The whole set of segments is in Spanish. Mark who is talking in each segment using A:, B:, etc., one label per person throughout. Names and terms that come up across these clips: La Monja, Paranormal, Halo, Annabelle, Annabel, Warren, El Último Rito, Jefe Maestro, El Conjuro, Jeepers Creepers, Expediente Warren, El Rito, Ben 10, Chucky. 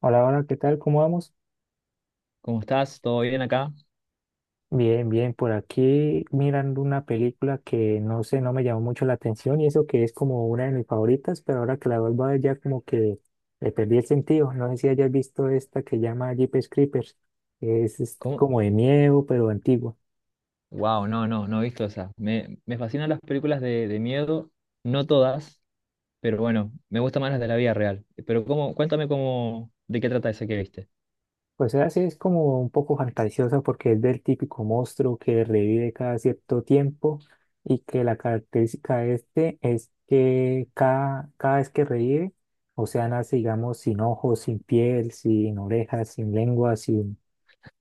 A: Hola, hola, ¿qué tal? ¿Cómo vamos?
B: ¿Cómo estás? ¿Todo bien acá?
A: Bien, bien, por aquí mirando una película que no sé, no me llamó mucho la atención y eso que es como una de mis favoritas, pero ahora que la vuelvo a ver ya como que le perdí el sentido. No sé si hayas visto esta que llama Jeepers Creepers. Es
B: ¿Cómo?
A: como de miedo, pero antigua.
B: Wow, no, no, no he visto esa. Me fascinan las películas de miedo, no todas, pero bueno, me gustan más las de la vida real. Pero cómo, cuéntame cómo, de qué trata esa que viste.
A: Pues esa sí es como un poco fantasiosa porque es del típico monstruo que revive cada cierto tiempo y que la característica de este es que cada vez que revive, o sea, nace, digamos, sin ojos, sin piel, sin orejas, sin lengua, sin,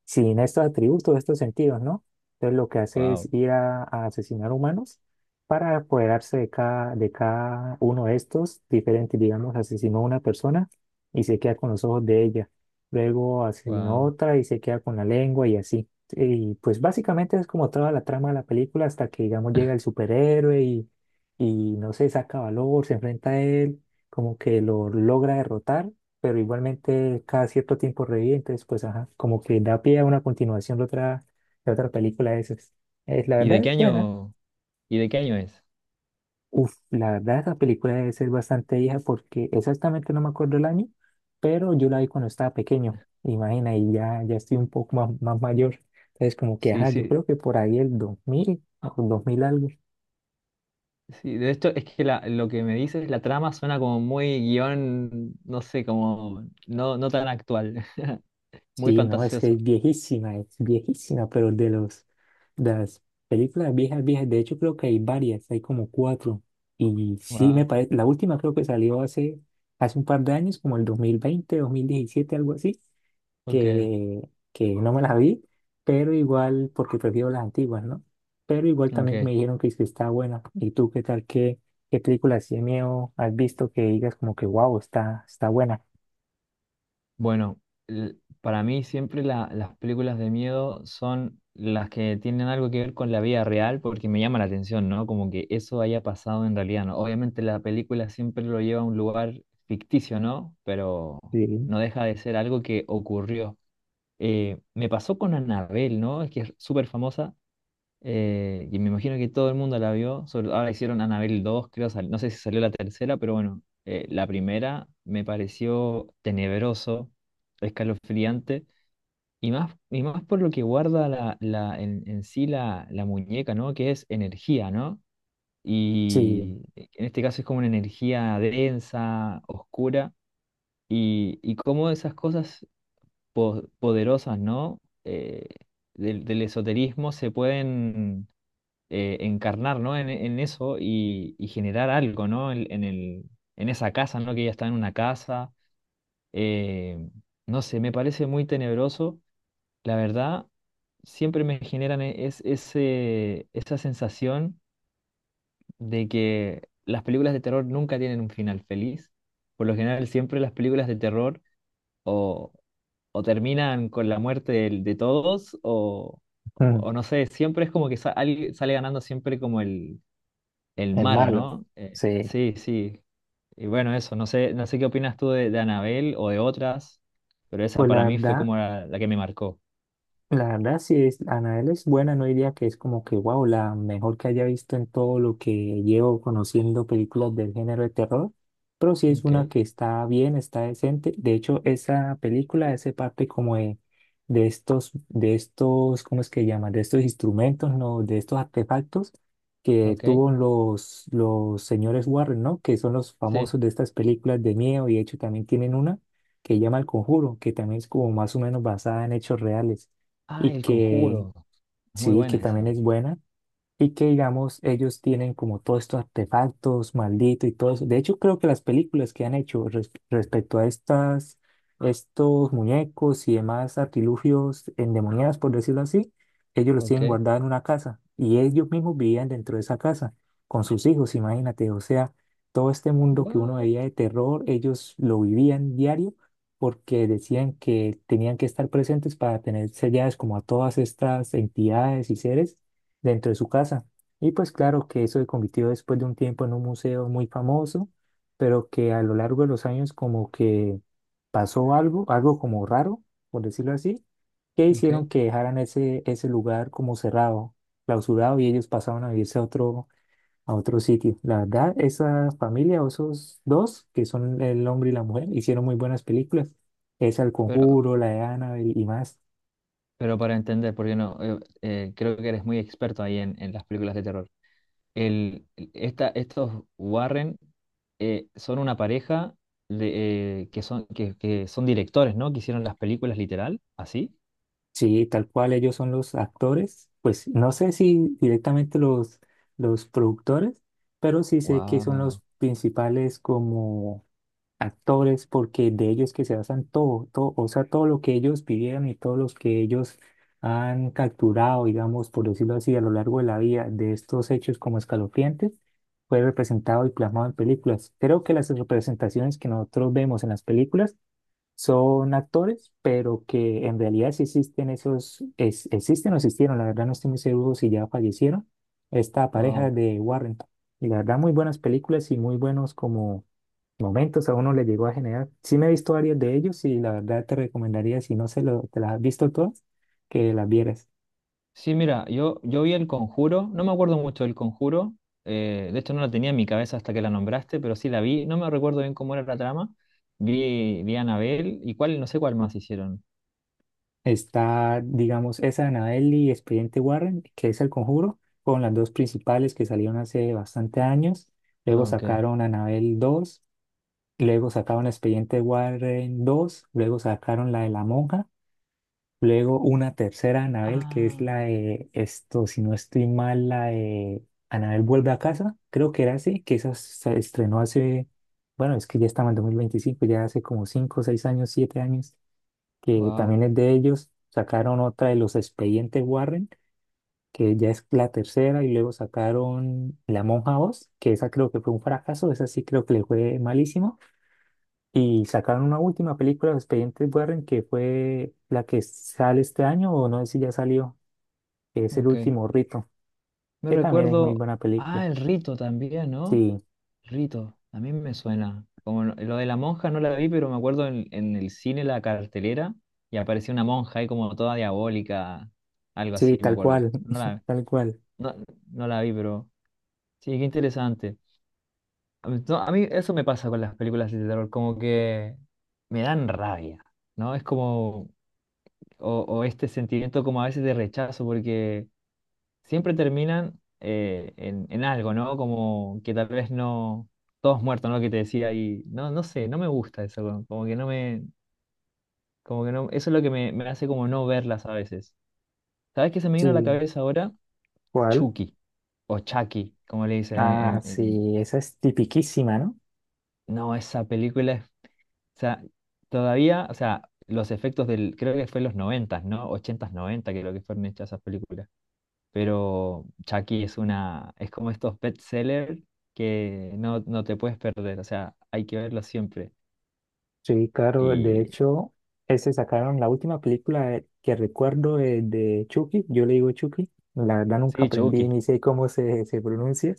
A: sin estos atributos, estos sentidos, ¿no? Entonces lo que hace es
B: Wow,
A: ir a asesinar humanos para apoderarse de cada uno de estos diferentes, digamos, asesinó a una persona y se queda con los ojos de ella, luego asesinó a
B: wow.
A: otra y se queda con la lengua y así. Y pues básicamente es como toda la trama de la película hasta que, digamos, llega el superhéroe y no sé, saca valor, se enfrenta a él, como que lo logra derrotar, pero igualmente cada cierto tiempo revive, entonces pues ajá, como que da pie a una continuación de otra película de esas. Es, la
B: ¿Y
A: verdad
B: de qué
A: es buena.
B: año, ¿Y de qué año es?
A: Uf, la verdad esa película debe ser bastante vieja porque exactamente no me acuerdo el año, pero yo la vi cuando estaba pequeño, imagina, y ya, ya estoy un poco más, más mayor. Entonces como que
B: Sí,
A: ajá, yo
B: sí,
A: creo que por ahí el 2000 o 2000 algo.
B: sí. De esto es que lo que me dices, la trama suena como muy guión, no sé, como no, no tan actual, muy
A: Sí, no, es que
B: fantasioso.
A: es viejísima, pero de los de las películas viejas, viejas, de hecho creo que hay varias, hay como cuatro. Y sí me
B: Wow,
A: parece, la última creo que salió hace, hace un par de años, como el 2020, 2017, algo así,
B: ok,
A: que, que no me las vi, pero igual, porque prefiero las antiguas, ¿no? Pero igual también
B: ok.
A: me dijeron que, es que está buena. ¿Y tú qué tal? ¿Qué, qué película así de miedo has visto que digas como que wow, está, está buena?
B: Bueno, l- para mí siempre las películas de miedo son las que tienen algo que ver con la vida real porque me llama la atención, ¿no? Como que eso haya pasado en realidad, ¿no? Obviamente la película siempre lo lleva a un lugar ficticio, ¿no? Pero
A: Sí,
B: no deja de ser algo que ocurrió. Me pasó con Annabelle, ¿no? Es que es súper famosa y me imagino que todo el mundo la vio. Ahora hicieron Annabelle dos creo, no sé si salió la tercera, pero bueno, la primera me pareció tenebroso, escalofriante, y más por lo que guarda en sí la muñeca, ¿no? Que es energía, ¿no?
A: sí.
B: Y en este caso es como una energía densa, oscura, y cómo esas cosas poderosas, ¿no? Del esoterismo se pueden encarnar, ¿no? En eso y generar algo, ¿no? En esa casa, ¿no? Que ella está en una casa. eh, no sé, me parece muy tenebroso. La verdad, siempre me generan esa sensación de que las películas de terror nunca tienen un final feliz. Por lo general, siempre las películas de terror o, o terminan con la muerte todos o no sé, siempre es como que alguien sale ganando siempre como el
A: El
B: malo,
A: malo.
B: ¿no?
A: Sí.
B: Sí, sí. Y bueno, eso, no sé, no sé qué opinas tú de Anabel o de otras, pero esa
A: Pues la
B: para mí fue
A: verdad,
B: como la que me marcó.
A: la verdad, sí es, Anabel es buena, no diría que es como que, wow, la mejor que haya visto en todo lo que llevo conociendo películas del género de terror, pero sí es
B: Ok,
A: una que está bien, está decente. De hecho, esa película ese parte como de estos, ¿cómo es que llaman? De estos instrumentos, ¿no? De estos artefactos que
B: ok.
A: tuvo los señores Warren, ¿no? Que son los
B: Sí.
A: famosos de estas películas de miedo y de hecho también tienen una que llama El Conjuro, que también es como más o menos basada en hechos reales
B: Ah,
A: y
B: El
A: que
B: Conjuro. Es muy
A: sí, que
B: buena
A: también
B: esa.
A: es buena. Y que, digamos, ellos tienen como todos estos artefactos malditos y todo eso. De hecho, creo que las películas que han hecho respecto a estas, estos muñecos y demás artilugios endemoniados, por decirlo así, ellos los tienen
B: Ok.
A: guardados en una casa y ellos mismos vivían dentro de esa casa con sus hijos, imagínate. O sea, todo este mundo que uno
B: What?
A: veía de terror, ellos lo vivían diario porque decían que tenían que estar presentes para tener selladas como a todas estas entidades y seres dentro de su casa. Y pues claro que eso se convirtió después de un tiempo en un museo muy famoso, pero que a lo largo de los años como que pasó algo, algo como raro, por decirlo así, que
B: Ok.
A: hicieron que dejaran ese, ese lugar como cerrado, clausurado, y ellos pasaron a vivirse a otro sitio. La verdad, esa familia o esos dos, que son el hombre y la mujer, hicieron muy buenas películas. Esa El
B: Pero,
A: Conjuro, la de Annabelle y más.
B: pero para entender, porque no, creo que eres muy experto ahí en las películas de terror. El, Estos Warren son una pareja de, que son, que son directores, ¿no? Que hicieron las películas literal, así.
A: Sí, tal cual ellos son los actores, pues no sé si directamente los productores, pero sí sé que son
B: Wow,
A: los principales como actores porque de ellos que se basan todo, todo, o sea, todo lo que ellos pidieron y todos los que ellos han capturado, digamos, por decirlo así, a lo largo de la vida de estos hechos como escalofriantes, fue representado y plasmado en películas. Creo que las representaciones que nosotros vemos en las películas son actores, pero que en realidad sí existen esos, existen o existieron, la verdad no estoy muy seguro si ya fallecieron, esta pareja
B: wow.
A: de Warrington. Y la verdad muy buenas películas y muy buenos como momentos a uno le llegó a generar. Sí me he visto varios de ellos y la verdad te recomendaría, si no se lo, te las has visto todas, que las vieras.
B: Sí, mira, yo, vi El Conjuro, no me acuerdo mucho del Conjuro, de hecho no la tenía en mi cabeza hasta que la nombraste, pero sí la vi, no me recuerdo bien cómo era la trama. Vi Anabel y cuál, no sé cuál más hicieron.
A: Está, digamos, esa de Annabelle y Expediente Warren, que es El Conjuro, con las dos principales que salieron hace bastante años. Luego
B: Ok.
A: sacaron Annabelle dos. Luego sacaron el expediente Warren dos, luego sacaron la de la monja, luego una tercera Anabel, que es
B: Ah,
A: la de esto, si no estoy mal, la de Anabel vuelve a casa, creo que era así, que esa se estrenó hace, bueno, es que ya estaba en 2025, ya hace como 5 6 años, 7 años, que
B: wow,
A: también es de ellos. Sacaron otra de los expedientes Warren, que ya es la tercera, y luego sacaron La Monja dos que esa creo que fue un fracaso, esa sí creo que le fue malísimo. Y sacaron una última película de Expedientes Warren que fue la que sale este año, o no sé si ya salió, que es El
B: ok.
A: Último Rito,
B: Me
A: que también es muy
B: recuerdo,
A: buena
B: ah,
A: película.
B: El Rito también, ¿no?
A: Sí,
B: Rito, a mí me suena. Como lo de la monja no la vi, pero me acuerdo en el cine la cartelera y apareció una monja ahí como toda diabólica, algo así,
A: sí,
B: me
A: tal
B: acuerdo.
A: cual, tal cual.
B: No, no la vi, pero sí, qué interesante. A mí, no, a mí eso me pasa con las películas de terror, como que me dan rabia, ¿no? Es como, o este sentimiento como a veces de rechazo, porque siempre terminan en algo, ¿no? Como que tal vez no, todos muertos, ¿no? Que te decía y no, no sé, no me gusta eso, como como que no me, como que no, eso es lo que me hace como no verlas a veces. ¿Sabes qué se me vino a la
A: Sí,
B: cabeza ahora?
A: ¿cuál?
B: Chucky, o Chucky, como le dicen
A: Ah,
B: en.
A: sí, esa es tipiquísima, ¿no?
B: No, esa película es, o sea, todavía, o sea, los efectos del, creo que fue en los noventas no ochentas 90 90, creo que fueron hechas esas películas pero Chucky es una, es como estos best sellers que no, no te puedes perder, o sea, hay que verlo siempre.
A: Sí, claro, de
B: Y
A: hecho, ese sacaron la última película que recuerdo de Chucky, yo le digo Chucky, la verdad nunca
B: sí,
A: aprendí
B: Chucky,
A: ni sé cómo se, se pronuncia,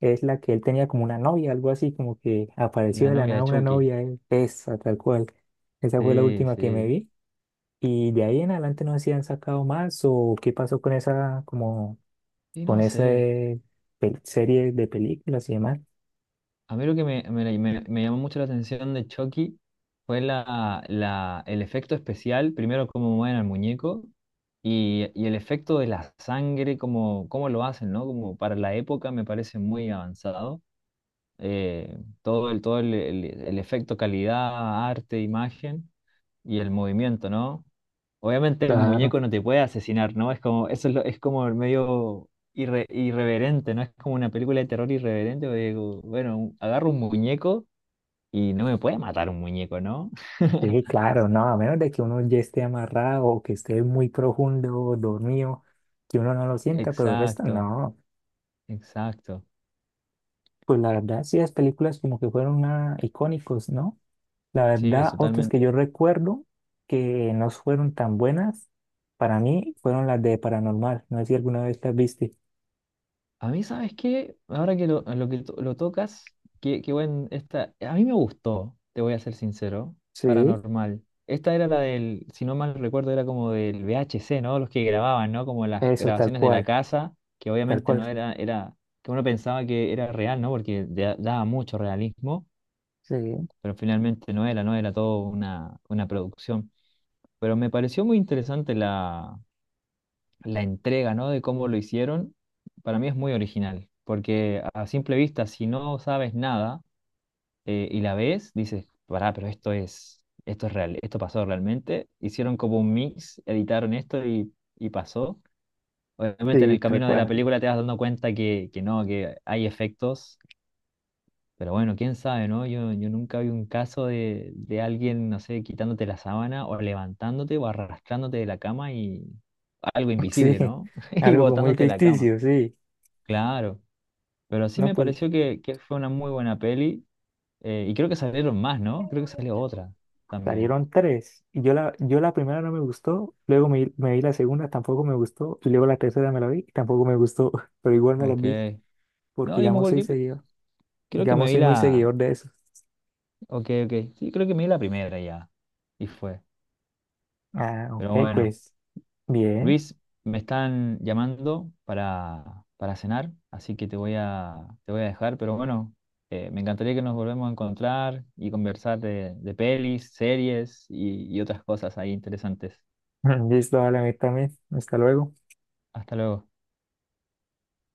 A: es la que él tenía como una novia, algo así, como que apareció
B: la
A: de la
B: novia de
A: nada una
B: Chucky,
A: novia, él, esa tal cual, esa fue la
B: sí,
A: última que me
B: sí.
A: vi, y de ahí en adelante no sé si han sacado más o qué pasó con esa, como,
B: Y
A: con
B: no
A: esa
B: sé,
A: serie de películas y demás.
B: a mí lo que me llamó mucho la atención de Chucky fue el efecto especial, primero cómo mueven al muñeco. Y el efecto de la sangre, como, cómo lo hacen, ¿no? Como para la época me parece muy avanzado. El efecto calidad, arte, imagen y el movimiento, ¿no? Obviamente un
A: Claro.
B: muñeco no te puede asesinar, ¿no? Es como, eso es, es como medio irreverente, ¿no? Es como una película de terror irreverente, porque digo, bueno, agarro un muñeco y no me puede matar un muñeco, ¿no?
A: Sí, claro, no, a menos de que uno ya esté amarrado o que esté muy profundo, dormido, que uno no lo sienta, pero el resto
B: Exacto,
A: no.
B: exacto.
A: Pues la verdad, sí, las películas como que fueron ah, icónicos, ¿no? La
B: Sí, es
A: verdad, otras que
B: totalmente.
A: yo recuerdo que no fueron tan buenas para mí fueron las de Paranormal. No sé si alguna vez las viste.
B: A mí, ¿sabes qué? Ahora que lo tocas, qué, qué buen esta. A mí me gustó, te voy a ser sincero,
A: Sí,
B: Paranormal. Esta era la del, si no mal recuerdo, era como del V H C ¿no? Los que grababan, ¿no? Como las
A: eso, tal
B: grabaciones de la
A: cual,
B: casa, que
A: tal
B: obviamente no
A: cual.
B: era, era, que uno pensaba que era real, ¿no? Porque daba mucho realismo,
A: Sí,
B: pero finalmente no era, no era todo una producción. Pero me pareció muy interesante la entrega, ¿no? De cómo lo hicieron, para mí es muy original, porque a simple vista, si no sabes nada y la ves, dices, pará, pero esto es real, esto pasó realmente. Hicieron como un mix, editaron esto y pasó. Obviamente en
A: sí,
B: el
A: tal
B: camino de la
A: cual.
B: película te vas dando cuenta que no, que hay efectos, pero bueno, quién sabe, ¿no? Yo, nunca vi un caso de alguien, no sé, quitándote la sábana o levantándote o arrastrándote de la cama y algo invisible,
A: Sí,
B: ¿no? Y
A: algo como muy
B: botándote de la cama.
A: ficticio, sí.
B: Claro, pero sí
A: No,
B: me
A: pues
B: pareció que fue una muy buena peli y creo que salieron más, ¿no? Creo que salió otra también.
A: salieron tres. Y yo la, yo la primera no me gustó, luego me, me vi la segunda, tampoco me gustó, y luego la tercera me la vi, y tampoco me gustó, pero igual me las vi,
B: Ok.
A: porque
B: No, yo me
A: digamos soy
B: acuerdo que
A: seguidor,
B: creo que me
A: digamos
B: vi
A: soy muy
B: la...
A: seguidor de eso.
B: Ok, ok. Sí, creo que me vi la primera ya. Y fue.
A: Ah, ok,
B: Pero bueno,
A: pues bien.
B: Luis, me están llamando para cenar, así que te voy a dejar, pero bueno, me encantaría que nos volvemos a encontrar y conversar de pelis, series y otras cosas ahí interesantes.
A: Listo, vale a mí también. Hasta luego.
B: Hasta luego.